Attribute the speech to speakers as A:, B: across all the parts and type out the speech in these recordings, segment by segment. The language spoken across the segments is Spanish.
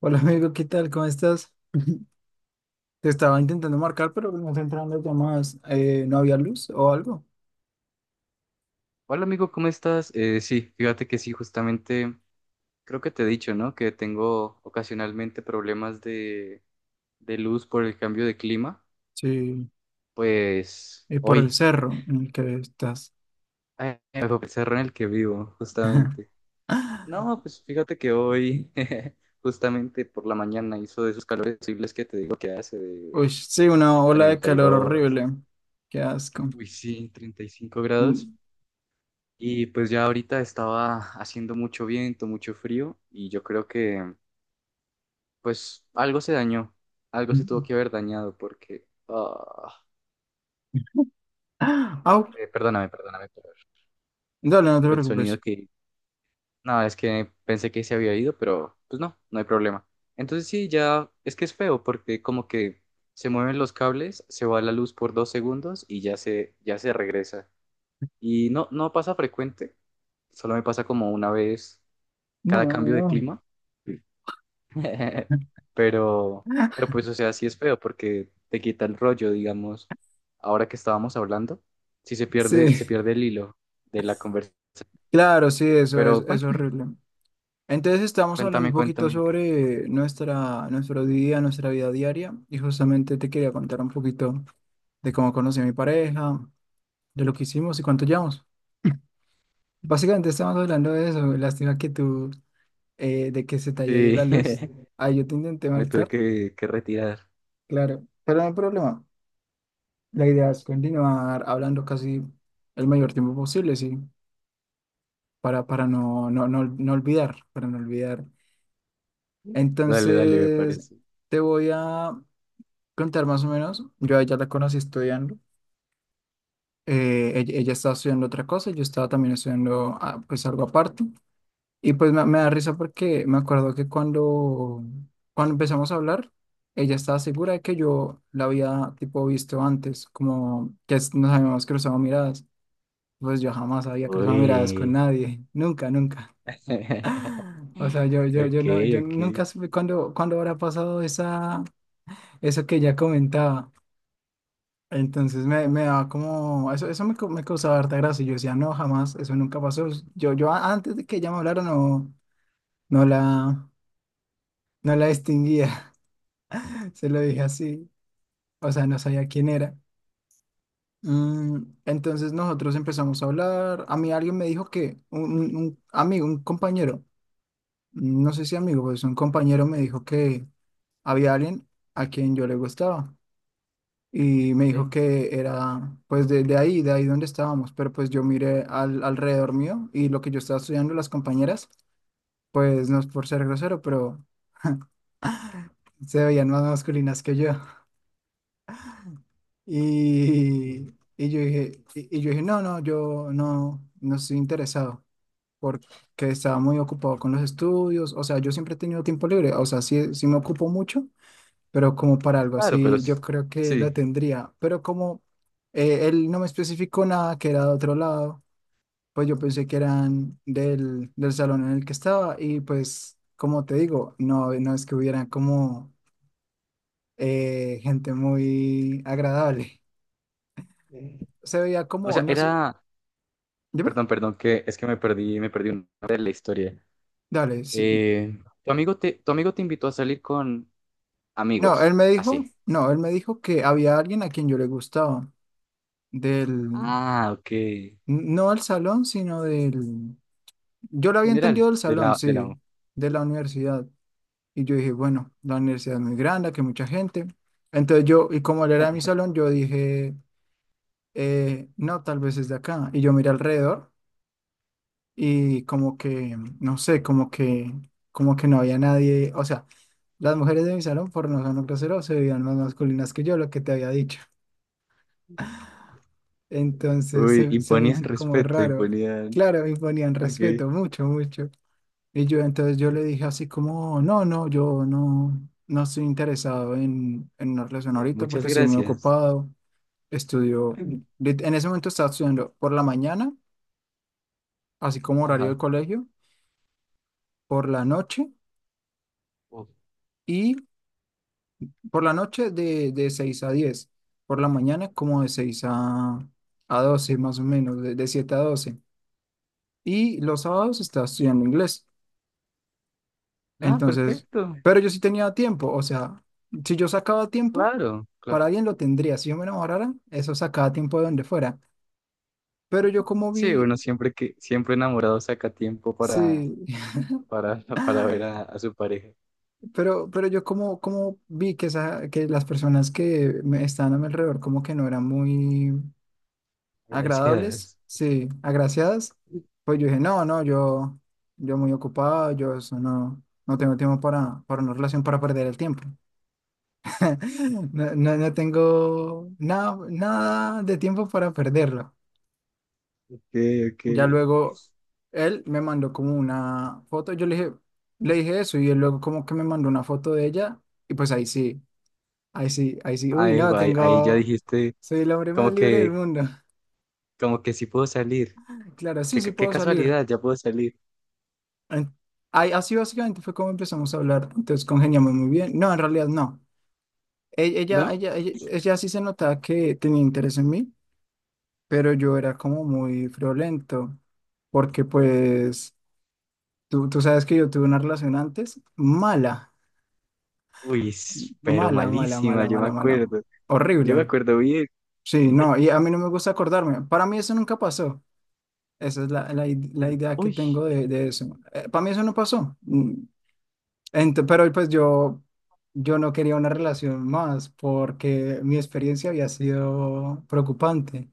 A: Hola amigo, ¿qué tal? ¿Cómo estás? Te estaba intentando marcar, pero no te entraban las llamadas. ¿No había luz o algo?
B: Hola amigo, ¿cómo estás? Sí, fíjate que sí, justamente creo que te he dicho, ¿no? Que tengo ocasionalmente problemas de luz por el cambio de clima.
A: Sí,
B: Pues
A: y por el
B: hoy
A: cerro en el que estás.
B: me tocó el cerro en el que vivo, justamente. No, pues fíjate que hoy, justamente por la mañana, hizo de esos calores horribles que te digo que hace de
A: Uy, sí, una ola de
B: treinta y
A: calor
B: dos.
A: horrible. Qué asco.
B: Uy, sí, 35 grados.
A: Mm.
B: Y pues ya ahorita estaba haciendo mucho viento, mucho frío, y yo creo que. Pues algo se dañó, algo se tuvo que haber dañado porque ah,
A: Au,
B: eh, perdóname, perdóname por,
A: dale, no te
B: por el sonido
A: preocupes.
B: que. No, es que pensé que se había ido, pero pues no, no hay problema. Entonces sí, ya es que es feo porque como que se mueven los cables, se va la luz por 2 segundos y ya se regresa. Y no pasa frecuente, solo me pasa como una vez cada cambio de
A: No.
B: clima. Pero, pero pues, o sea, sí es feo porque te quita el rollo, digamos, ahora que estábamos hablando, sí se pierde, se
A: Sí,
B: pierde el hilo de la conversación.
A: claro, sí, eso es,
B: Pero
A: es
B: cuéntame,
A: horrible. Entonces estamos hablando
B: cuéntame,
A: un poquito
B: cuéntame. ¿Qué tal?
A: sobre nuestro día, nuestra vida diaria, y justamente te quería contar un poquito de cómo conocí a mi pareja, de lo que hicimos y cuánto llevamos. Básicamente estamos hablando de eso. Lástima que de que se te haya ido la
B: Sí,
A: luz. Ahí yo te intenté
B: me tuve
A: marcar,
B: que retirar.
A: claro, pero no hay problema. La idea es continuar hablando casi el mayor tiempo posible, sí, para no olvidar, para no olvidar.
B: Dale, dale, me
A: Entonces,
B: parece.
A: te voy a contar más o menos. Yo a ella la conocí estudiando. Ella estaba estudiando otra cosa, yo estaba también estudiando pues algo aparte. Y pues me da risa porque me acuerdo que cuando empezamos a hablar, ella estaba segura de que yo la había tipo visto antes, como que nos habíamos cruzado miradas. Pues yo jamás había cruzado miradas con
B: Uy.
A: nadie, nunca, nunca. O sea, yo
B: Ok,
A: no, yo
B: ok.
A: nunca supe cuándo habrá pasado eso que ella comentaba. Entonces me daba como, eso me causaba harta gracia. Y yo decía, no, jamás, eso nunca pasó. Yo antes de que ella me hablara, no la. no la distinguía, se lo dije así, o sea, no sabía quién era. Mm, entonces nosotros empezamos a hablar. A mí alguien me dijo que, un amigo, un compañero, no sé si amigo, pues un compañero me dijo que había alguien a quien yo le gustaba, y me dijo
B: Bien.
A: que era pues de ahí donde estábamos, pero pues yo miré alrededor mío, y lo que yo estaba estudiando, las compañeras, pues no es por ser grosero, pero se veían más masculinas que yo. Y, y yo dije, no, no, yo no, no estoy interesado, porque estaba muy ocupado con los estudios. O sea, yo siempre he tenido tiempo libre. O sea, sí, sí me ocupo mucho, pero como para algo
B: Claro, pero
A: así, yo creo que lo
B: sí.
A: tendría. Pero como él no me especificó nada que era de otro lado, pues yo pensé que eran del salón en el que estaba. Y pues, como te digo, no no es que hubieran como gente muy agradable, se veía
B: O
A: como,
B: sea,
A: no
B: era,
A: sé. Dime,
B: perdón, que es que me perdí una parte de la historia.
A: dale. Sí.
B: Eh, tu amigo te invitó a salir con
A: No, él
B: amigos,
A: me dijo,
B: así.
A: que había alguien a quien yo le gustaba, del,
B: Ah, ok. En
A: no del salón, sino del... Yo lo había
B: general,
A: entendido del
B: de
A: salón,
B: la, de
A: sí.
B: la...
A: De la universidad. Y yo dije, bueno, la universidad es muy grande, que mucha gente. Entonces yo, y como él era de mi salón, yo dije, no, tal vez es de acá. Y yo miré alrededor, y como que, no sé, como que no había nadie, o sea, las mujeres de mi salón, por no ser grosero, se veían más masculinas que yo, lo que te había dicho. Entonces
B: Uy,
A: se me
B: imponían
A: hizo como
B: respeto,
A: raro.
B: imponían.
A: Claro, me ponían
B: Ok.
A: respeto, mucho, mucho. Y yo entonces yo le dije así como, no, no, yo no, no estoy interesado en una relación ahorita
B: Muchas
A: porque estoy muy
B: gracias.
A: ocupado. Estudio, en ese momento estaba estudiando por la mañana, así como horario
B: Ajá.
A: de colegio. por la noche
B: Oh.
A: Por la noche, de 6 a diez. Por la mañana como de 6 a 12 más o menos, de 7 a doce. Y los sábados estaba estudiando inglés.
B: Ah,
A: Entonces,
B: perfecto.
A: pero yo sí tenía tiempo. O sea, si yo sacaba tiempo,
B: Claro, claro.
A: para alguien lo tendría. Si yo me enamorara, eso sacaba tiempo de donde fuera. Pero yo, como
B: Sí, bueno,
A: vi,
B: siempre que, siempre enamorado saca tiempo
A: sí,
B: para ver a su pareja.
A: pero yo como, vi que, que las personas que me estaban a mi alrededor como que no eran muy... agradables,
B: Gracias.
A: sí, agraciadas, pues yo dije, no, no, yo muy ocupado. Yo eso no tengo tiempo para una relación, para perder el tiempo. No, no, no tengo nada, nada de tiempo para perderlo.
B: Ok, ok.
A: Ya luego él me mandó como una foto. Yo le dije eso, y él luego como que me mandó una foto de ella. Y pues ahí sí, ahí sí, ahí sí, uy,
B: Ahí
A: no,
B: va, ahí ya dijiste
A: soy el hombre más
B: como
A: libre del
B: que
A: mundo.
B: como que sí puedo salir.
A: Claro, sí,
B: Qué,
A: sí
B: qué
A: puedo salir.
B: casualidad, ya puedo salir,
A: En- Así básicamente fue como empezamos a hablar. Entonces congeniamos muy bien. No, en realidad no. E- Ella,
B: ¿no?
A: ella, ella, ella sí se notaba que tenía interés en mí, pero yo era como muy friolento, porque pues tú sabes que yo tuve una relación antes mala,
B: Uy, pero
A: mala, mala, mala,
B: malísima, yo me
A: mala, mala,
B: acuerdo.
A: horrible.
B: Yo me acuerdo bien.
A: Sí, no, y a mí no me gusta acordarme. Para mí eso nunca pasó. Esa es la idea que
B: Uy,
A: tengo de eso. Para mí eso no pasó. Pero pues yo no quería una relación más, porque mi experiencia había sido preocupante.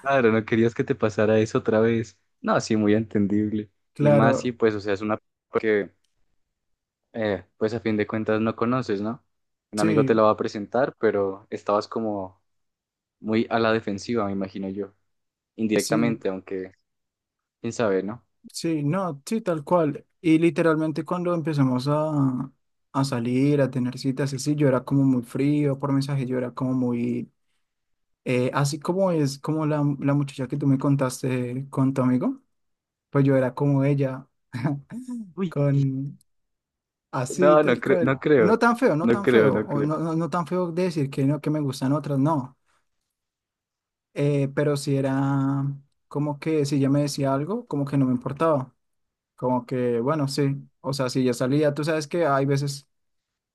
B: claro, no querías que te pasara eso otra vez. No, sí, muy entendible. Y más si,
A: Claro,
B: pues, o sea, es una persona que, pues, a fin de cuentas no conoces, ¿no? Un amigo te
A: sí,
B: la va a presentar, pero estabas como muy a la defensiva, me imagino yo.
A: sí,
B: Indirectamente, aunque, quién sabe, ¿no?
A: sí, no, sí, tal cual. Y literalmente cuando empezamos a salir, a tener citas, así, yo era como muy frío por mensaje. Yo era como muy... así como es como la muchacha que tú me contaste con tu amigo, pues yo era como ella
B: Uy,
A: con Así,
B: no, no
A: tal
B: creo, no
A: cual. No
B: creo.
A: tan feo, no
B: No
A: tan
B: creo,
A: feo.
B: no
A: O
B: creo.
A: no, no, no tan feo de decir que no, que me gustan otras, no. Pero si era como que, si ella me decía algo, como que no me importaba. Como que, bueno, sí. O sea, si ya salía, tú sabes que hay veces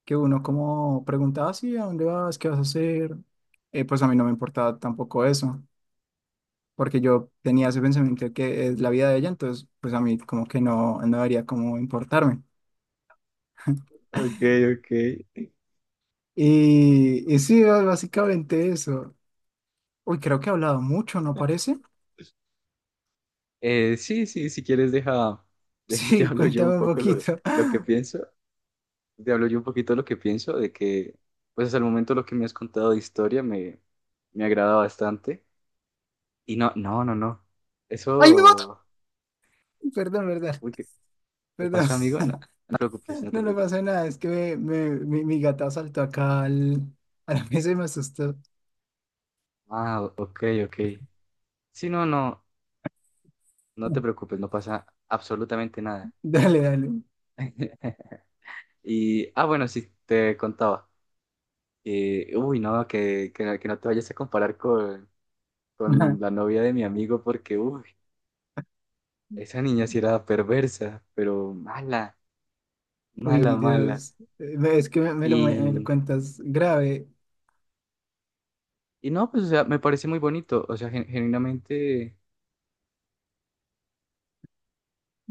A: que uno como preguntaba, sí, ¿a dónde vas? ¿Qué vas a hacer? Pues a mí no me importaba tampoco eso. Porque yo tenía ese pensamiento de que es la vida de ella. Entonces pues a mí como que no debería como importarme.
B: Ok, ok.
A: Y sí, básicamente eso. Uy, creo que he hablado mucho, ¿no parece?
B: Sí, sí, si quieres, deja, te
A: Sí,
B: hablo yo un
A: cuéntame un
B: poco lo,
A: poquito.
B: lo que pienso, te hablo yo un poquito lo que pienso, de que, pues hasta el momento lo que me has contado de historia me agrada bastante. Y no, no, no, no,
A: ¡Ay, me mato!
B: eso,
A: Perdón, verdad.
B: uy, ¿qué
A: Perdón.
B: pasó, amigo? No, no te preocupes, no te
A: No, no pasa
B: preocupes.
A: nada. Es que mi gata saltó acá a la mesa y me asustó.
B: Ah, ok, ok. Sí, no, no, no te preocupes, no pasa absolutamente nada.
A: Dale, dale.
B: Y, bueno, sí, te contaba. Uy, no, que no te vayas a comparar
A: Ajá.
B: con la novia de mi amigo porque, uy, esa niña sí era perversa, pero mala, mala,
A: Uy,
B: mala.
A: Dios. Es que me lo
B: Y,
A: cuentas grave.
B: y no, pues, o sea, me parece muy bonito, o sea, genuinamente,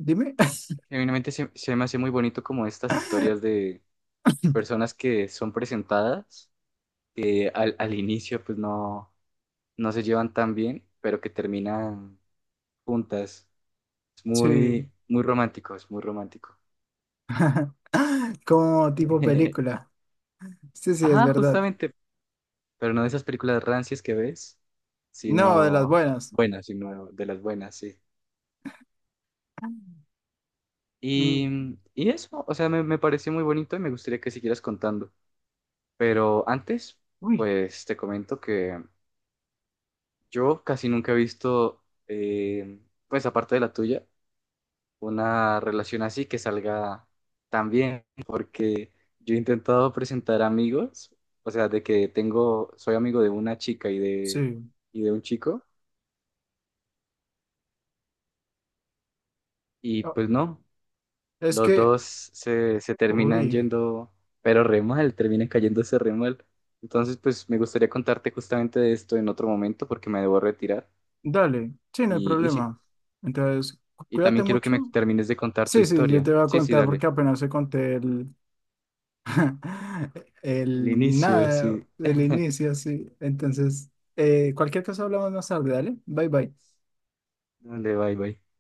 A: Dime.
B: genuinamente se me hace muy bonito como estas historias de personas que son presentadas, que al inicio pues no se llevan tan bien, pero que terminan juntas. Es
A: Sí.
B: muy, muy romántico, es muy romántico.
A: Como tipo película. Sí, sí, es
B: Ajá,
A: verdad.
B: justamente, pero no de esas películas rancias que ves,
A: No, de las
B: sino
A: buenas.
B: buenas, sino de las buenas, sí. Y,
A: Mm,
B: mm, y eso, o sea, me pareció muy bonito y me gustaría que siguieras contando. Pero antes,
A: Uy,
B: pues te comento que yo casi nunca he visto, eh, pues aparte de la tuya, una relación así que salga tan bien, porque yo he intentado presentar amigos, o sea, de que tengo, soy amigo de una chica y de,
A: sí.
B: y de un chico, y
A: Oh,
B: pues no.
A: es
B: Los
A: que,
B: dos se terminan
A: uy.
B: yendo, pero re mal, terminan cayéndose re mal. Entonces, pues me gustaría contarte justamente de esto en otro momento porque me debo retirar.
A: Dale, sí, no hay
B: Y sí,
A: problema. Entonces,
B: y
A: cuídate
B: también quiero que me
A: mucho.
B: termines de contar tu
A: Sí, sí, yo
B: historia.
A: te voy a
B: Sí, sí,
A: contar
B: dale.
A: porque apenas se conté el,
B: El
A: el
B: inicio,
A: nada
B: sí.
A: del inicio, sí. Entonces, cualquier cosa hablamos más tarde, dale. Bye, bye.
B: Dale, bye, bye.